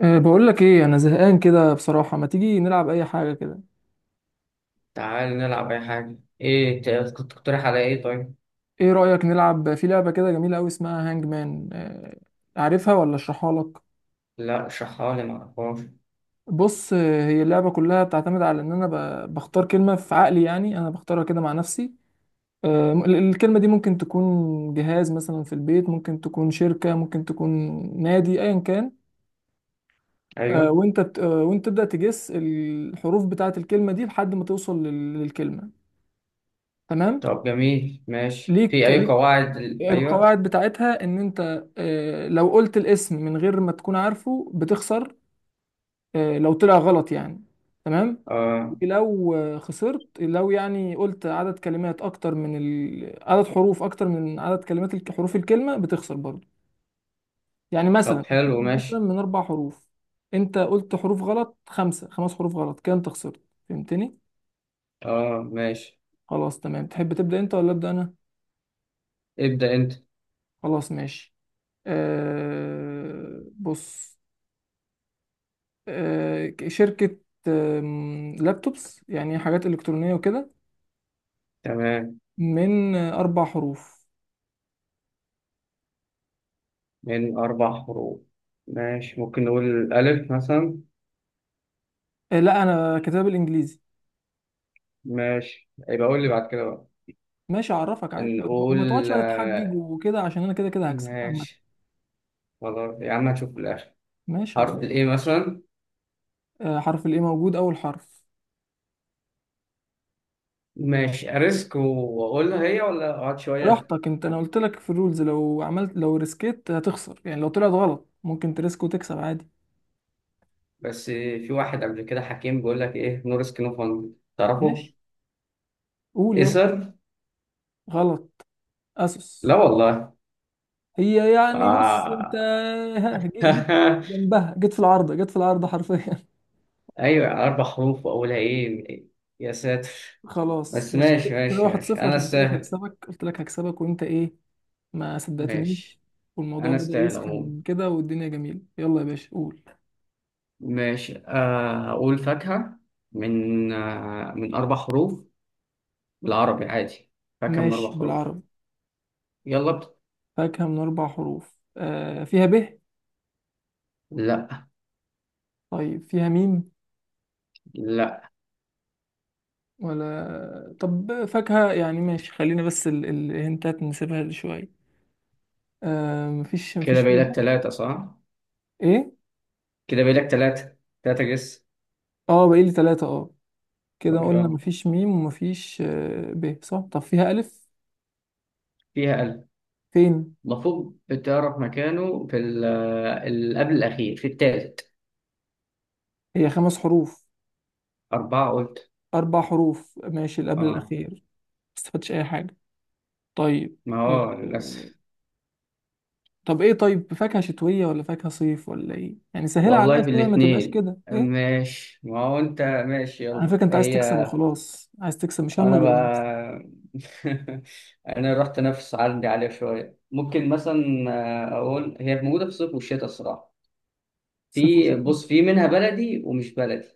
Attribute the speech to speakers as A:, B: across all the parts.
A: بقول لك ايه، انا زهقان كده بصراحة، ما تيجي نلعب اي حاجة كده؟
B: تعال نلعب أي حاجة. إيه كنت تقترح على؟ إيه طيب؟
A: ايه رأيك نلعب في لعبة كده جميلة قوي اسمها هانج مان؟ عارفها ولا اشرحها لك؟
B: لا اشرحها لي، معرفهاش.
A: بص. هي اللعبة كلها بتعتمد على ان انا بختار كلمة في عقلي، يعني انا بختارها كده مع نفسي. الكلمة دي ممكن تكون جهاز مثلا في البيت، ممكن تكون شركة، ممكن تكون نادي، ايا كان. أه
B: أيوه.
A: وانت بت- أه وانت تبدأ تجس الحروف بتاعة الكلمة دي لحد ما توصل للكلمة. تمام.
B: طب جميل ماشي، في
A: ليك
B: أي
A: ليك
B: قواعد أيوه؟
A: القواعد بتاعتها ان انت. لو قلت الاسم من غير ما تكون عارفه بتخسر. لو طلع غلط يعني. تمام.
B: آه.
A: ولو خسرت، لو يعني قلت عدد كلمات اكتر من عدد حروف اكتر من عدد كلمات حروف الكلمة بتخسر برضه. يعني مثلا
B: طب حلو
A: الكلمة مثلا
B: ماشي.
A: من 4 حروف. انت قلت حروف غلط، خمس حروف غلط كده انت خسرت. فهمتني؟
B: آه ماشي.
A: خلاص تمام. تحب تبدأ انت ولا ابدأ انا؟
B: ابدأ أنت.
A: خلاص ماشي. بص. شركة. لابتوبس يعني، حاجات إلكترونية وكده.
B: تمام.
A: من 4 حروف.
B: من أربع حروف. ماشي، ممكن نقول ألف مثلا.
A: لا، أنا كتاب الإنجليزي.
B: ماشي، يبقى قول لي بعد كده بقى.
A: ماشي أعرفك عادي. ما تقعدش
B: نقول
A: بقى تتحجج
B: آه.
A: وكده، عشان أنا كده كده هكسب عامة.
B: ماشي. خلاص يا عم، هنشوف في الآخر.
A: ماشي
B: حرف
A: خلاص.
B: الإيه مثلا.
A: حرف الإيه موجود أول حرف.
B: ماشي، أريسك وأقولها هي ولا أقعد شوية؟
A: براحتك أنت، أنا قلت لك في الرولز، لو ريسكيت هتخسر، يعني لو طلعت غلط. ممكن تريسك وتكسب عادي.
B: بس في واحد قبل كده حكيم بيقول لك ايه، نور سكين اوف 100. تعرفه؟
A: ماشي، قول يلا.
B: ايسر؟
A: غلط. أسوس.
B: لا والله.
A: هي يعني، بص أنت.
B: آه.
A: ها، جيت. جنبها، جيت في العارضة، جيت في العارضة حرفيا.
B: ايوه، اربع حروف واولها ايه. يا ساتر.
A: خلاص
B: بس
A: مش
B: ماشي
A: كده.
B: ماشي
A: واحد
B: ماشي،
A: صفر
B: انا
A: عشان قلت لك
B: استاهل.
A: هكسبك، قلت لك هكسبك، وانت ايه؟ ما صدقتنيش.
B: ماشي،
A: والموضوع
B: انا
A: بدأ
B: استاهل عموما.
A: يسخن كده، والدنيا جميلة. يلا يا باشا، قول.
B: ماشي، اقول فاكهة. من اربع حروف. بالعربي عادي. فاكهة من
A: ماشي
B: اربع حروف.
A: بالعربي.
B: يلا
A: فاكهة من 4 حروف. فيها ب؟
B: لا.
A: طيب فيها ميم؟
B: لا.
A: ولا طب فاكهة يعني، ماشي. خلينا بس الهنتات نسيبها شوية. مفيش
B: كده
A: مفيش
B: باقي
A: فيها ب.
B: لك ثلاثة صح؟
A: ايه؟
B: كده باقي لك ثلاثة. ثلاثة جس.
A: اه، بقى لي 3 كده
B: طب
A: قلنا
B: يلا.
A: مفيش ميم ومفيش ب، صح؟ طب فيها ألف؟
B: فيها.
A: فين؟
B: المفروض بتعرف مكانه في قبل الأخير، في التالت.
A: هي 5 حروف؟
B: أربعة قلت.
A: أربع حروف ماشي. اللي قبل
B: آه.
A: الأخير، ما استفدتش أي حاجة. طيب.
B: ما
A: آه،
B: هو
A: آه،
B: للأسف.
A: طب إيه طيب، فاكهة شتوية ولا فاكهة صيف ولا إيه؟ يعني سهلة
B: والله
A: عليا
B: في
A: شوية، ما تبقاش
B: الاتنين
A: كده إيه؟
B: ماشي، ما هو أنت ماشي،
A: أنا
B: يلا
A: فاكر أنت عايز تكسب
B: هي.
A: وخلاص، عايز تكسب، مش همك
B: أنا
A: غير
B: بقى.
A: المكسب.
B: أنا رحت أنافس عندي عليها شوية، ممكن مثلا. أقول هي موجودة في الصيف والشتاء الصراحة.
A: صيف وشتاء.
B: بص، في منها بلدي ومش بلدي.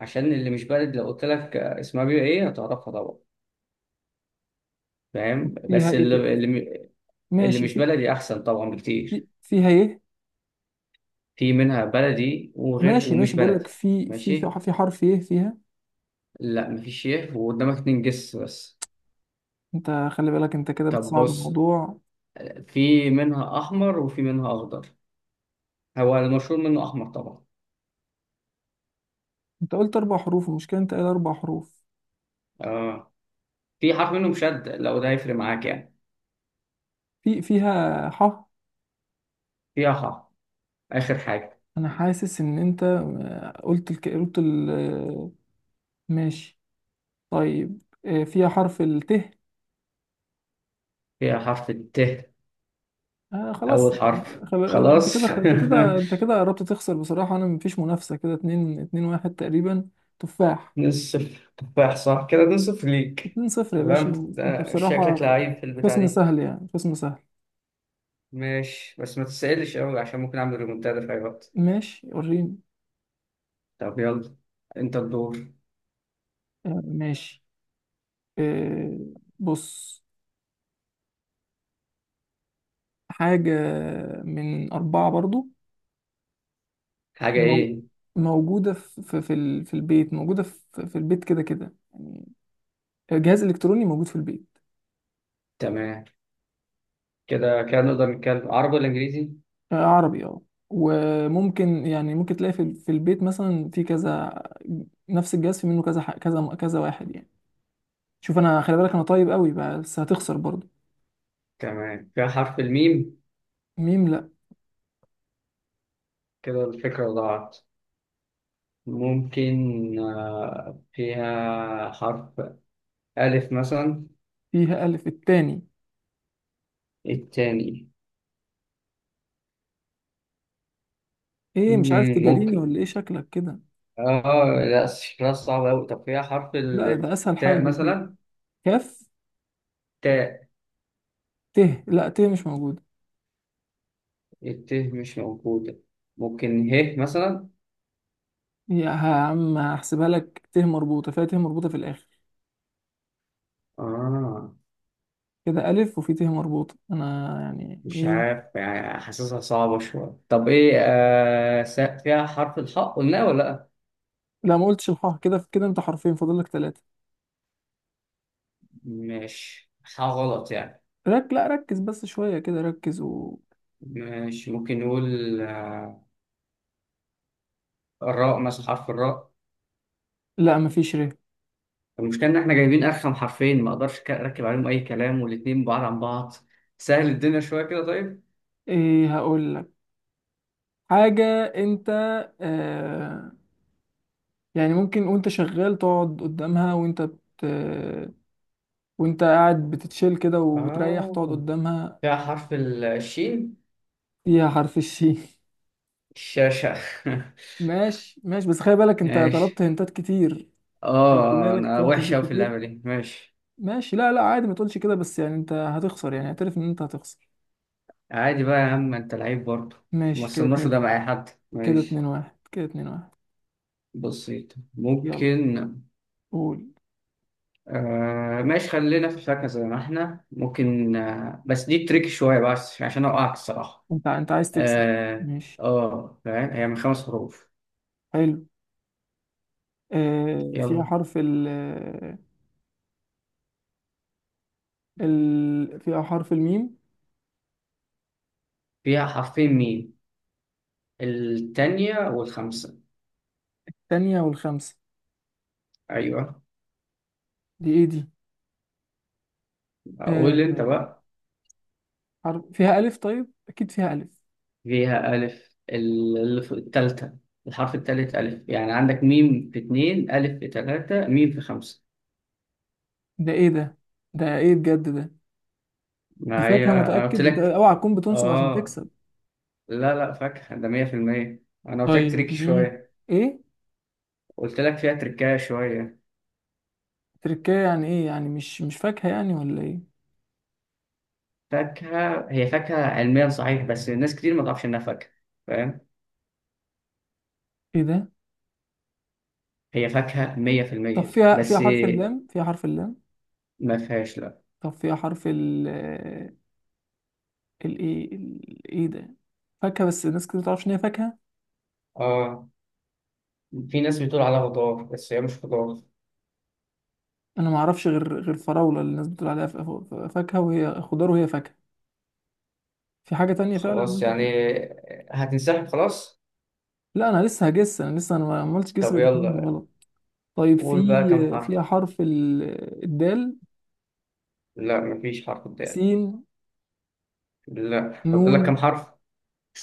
B: عشان اللي مش بلدي لو قلت لك اسمها بيبقى إيه، هتعرفها طبعا. فاهم،
A: فيها
B: بس
A: إيه؟
B: اللي, اللي
A: ماشي،
B: مش
A: في.
B: بلدي احسن طبعا بكتير.
A: فيها إيه؟
B: في منها بلدي وغير
A: ماشي
B: ومش
A: ماشي، بقول
B: بلدي
A: لك في في
B: ماشي.
A: في في حرف إيه فيها؟
B: لا، مفيش يه، وقدامك اتنين جس بس.
A: أنت خلي بالك، أنت كده
B: طب
A: بتصعب
B: بص.
A: الموضوع.
B: في منها احمر وفي منها اخضر. هو المشهور منه احمر طبعا.
A: أنت قلت 4 حروف. المشكلة أنت قايل 4 حروف.
B: اه. في حرف منه مشد، لو ده هيفرق معاك يعني.
A: فيها ح؟
B: فيها حرف. اخر حاجه.
A: انا حاسس ان انت، قلت قلت ال... آه، ماشي. طيب فيها حرف الت؟
B: فيها حرف الت.
A: خلاص.
B: اول حرف
A: خل... انت
B: خلاص.
A: كده انت كده انت كده قربت تخسر بصراحة. انا مفيش منافسة، كده اتنين اتنين واحد تقريبا. تفاح.
B: نصف تفاح صح؟ كده نصف ليك.
A: 2-0 يا
B: ولا
A: باشا.
B: انت
A: انت
B: شكلك
A: بصراحة.
B: لعيب في البتاع
A: خصم
B: دي.
A: سهل يعني، خصم سهل.
B: ماشي، بس ما تسألش قوي عشان ممكن اعمل ريمونتادا في اي وقت.
A: ماشي، وريني.
B: طب يلا. انت الدور.
A: ماشي. آه بص. حاجة من 4 برضو.
B: حاجة
A: مو-
B: ايه؟
A: موجودة في البيت، موجودة في البيت كده كده يعني. جهاز إلكتروني موجود في البيت.
B: تمام. كده كده نقدر نتكلم عربي ولا انجليزي؟
A: عربي اه. وممكن يعني، ممكن تلاقي في البيت مثلا، في كذا. نفس الجهاز في منه كذا كذا كذا واحد يعني. شوف انا، خلي بالك انا طيب قوي، بس هتخسر برضه.
B: تمام، فيها حرف الميم.
A: ميم لا.
B: كده الفكرة ضاعت. ممكن. فيها حرف ألف مثلا.
A: فيها ألف التاني.
B: التاني.
A: ايه؟ مش عارف تجاريني ولا ايه؟
B: ممكن.
A: شكلك كده.
B: اه. لا شكلها صعب أوي. طب فيها حرف
A: لا ده اسهل حاجة
B: التاء
A: في البيت.
B: مثلا.
A: كاف.
B: تاء.
A: ت. لا، ت مش موجودة.
B: الت مش موجودة. ممكن ه مثلا.
A: يا عم هحسبها لك، ت مربوطة. فيها ت مربوطة في الآخر.
B: آه
A: كده ألف وفي ت مربوطة، أنا يعني
B: مش
A: إيه؟
B: عارف يعني، حاسسها صعبة شوية. طب إيه، فيها حرف الحاء قلناه ولا لأ؟
A: لا، ما قلتش الحاء. كده كده أنت حرفين، فاضل لك تلاتة.
B: مش حاء غلط يعني؟
A: لا، ركز بس شوية كده، ركز و.
B: مش ممكن نقول الراء مثلا، حرف الراء.
A: لا، مفيش ر.
B: المشكلة إن إحنا جايبين أرخم حرفين، ما أقدرش أركب عليهم أي كلام، والاتنين بعاد عن بعض. سهل الدنيا شوية كده طيب.
A: إيه؟ هقول لك حاجة أنت. آه يعني ممكن وأنت شغال تقعد قدامها، وأنت بت. وأنت قاعد بتتشيل كده وبتريح،
B: آه
A: تقعد قدامها.
B: فيها حرف الشين.
A: فيها حرف الشين.
B: الشاشة.
A: ماشي ماشي، بس خلي بالك أنت طلبت
B: ماشي.
A: هنتات كتير. خلي بالك
B: أنا
A: طلبت
B: وحشة أوي
A: هنتات
B: في
A: كتير.
B: اللعبة دي ماشي.
A: ماشي. لا لا، عادي، ما تقولش كده. بس يعني انت هتخسر، يعني اعترف ان انت هتخسر.
B: عادي بقى يا عم، انت لعيب برضه. ما
A: ماشي كده
B: وصلناش
A: اتنين.
B: ده مع اي حد
A: كده اتنين
B: ماشي.
A: واحد كده اتنين واحد
B: بسيط،
A: يلا.
B: ممكن.
A: قول
B: ماشي، خلينا في الفاكهة زي ما احنا ممكن، بس دي تريك شوية بس عشان اوقعك الصراحة.
A: انت. انت عايز تكسب؟
B: اه.
A: ماشي.
B: اه فاهم، هي من خمس حروف.
A: حلو. فيها
B: يلا.
A: حرف ال. ال فيها حرف الميم.
B: فيها حرفين ميم. التانية والخمسة.
A: تانية والخمسة.
B: ايوه.
A: دي ايه دي؟
B: قول انت
A: آه
B: بقى.
A: حرف فيها ألف، طيب أكيد فيها ألف.
B: فيها ألف، التالتة. الحرف التالت ألف، يعني عندك ميم في اتنين، ألف في تلاتة، ميم في خمسة.
A: ده ايه ده؟ ده ايه بجد ده؟ دي
B: ما
A: فاكهة
B: هي انا قلت
A: متأكد؟ ده
B: لك.
A: اوعى تكون بتنصب عشان
B: اه.
A: تكسب.
B: لا لا، فاكهة ده 100%. انا قلت لك
A: طيب
B: تريكي
A: مي.
B: شوية.
A: ايه؟
B: قلت لك فيها تركاية شوية.
A: تركية يعني ايه؟ يعني مش فاكهة يعني ولا ايه؟
B: فاكهة، هي فاكهة علميا صحيح، بس ناس كتير ما تعرفش انها فاكهة. فاهم.
A: ايه ده؟
B: هي فاكهة
A: طب
B: 100%
A: فيها
B: بس.
A: حرف اللام، فيها حرف اللام؟
B: ما فيهاش لا.
A: طب فيها حرف ال. الايه؟ ايه ده؟ فاكهة، بس الناس كتير متعرفش ان هي فاكهة.
B: اه. في ناس بتقول عليها خضار، بس هي مش خضار.
A: انا ما اعرفش غير الفراولة، اللي الناس بتقول عليها فاكهة وهي خضار، وهي فاكهة. في حاجة تانية فعلا
B: خلاص
A: الناس
B: يعني.
A: بتقول...
B: هتنسحب خلاص؟
A: لا، انا لسه هجس. انا لسه، انا ما عملتش جس
B: طب
A: غير 2
B: يلا.
A: غلط. طيب،
B: قول بقى كم
A: في.
B: حرف.
A: فيها حرف ال... الدال.
B: لا، مفيش حرف قدامي.
A: سين.
B: لا، فاضل لك كم
A: نون.
B: حرف.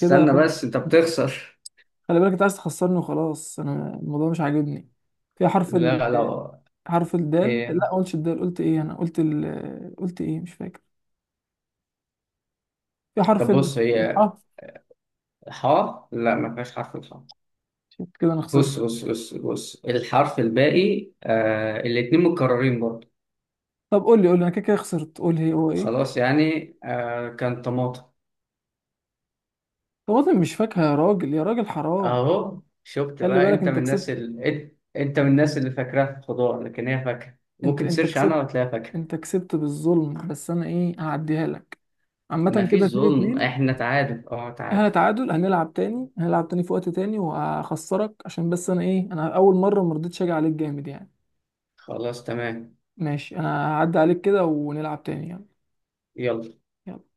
A: كده فاضل.
B: بس، انت بتخسر.
A: خلي بالك انت عايز تخسرني وخلاص، انا الموضوع مش عاجبني. فيها حرف.
B: لا لو.
A: حرف الدال،
B: ايه.
A: لا قلتش الدال؟ قلت ايه، انا قلت ال... قلت ايه، مش فاكر. في حرف
B: طب
A: ال.
B: بص، هي.
A: اه،
B: حاء؟ لا، ما فيهاش حرف الحاء.
A: شفت كده؟ انا خسرت.
B: بص بص بص بص، الحرف الباقي الاتنين متكررين برضه.
A: طب قول لي، قول لي، انا كده كده خسرت، قول لي هو ايه.
B: خلاص يعني، كان طماطم.
A: طب انا مش فاكهة، يا راجل يا راجل، حرام.
B: اهو شفت
A: خلي
B: بقى،
A: بالك
B: انت من
A: انت
B: الناس
A: كسبت.
B: انت من الناس اللي فاكراها خضار، لكن هي فاكهة،
A: انت
B: ممكن
A: انت
B: تسيرش عنها
A: كسبت.
B: وتلاقيها فاكهة.
A: انت كسبت بالظلم، بس انا ايه، هعديها لك.
B: ما
A: عامة
B: فيش
A: كده اتنين
B: ظلم،
A: اتنين
B: احنا تعادل، اه
A: احنا
B: تعادل
A: تعادل. هنلعب تاني، هنلعب تاني في وقت تاني، وهخسرك عشان بس انا ايه، انا اول مرة مرضتش اجي عليك جامد يعني.
B: خلاص تمام.
A: ماشي، انا هعدي عليك كده ونلعب تاني يعني.
B: يلا.
A: يلا.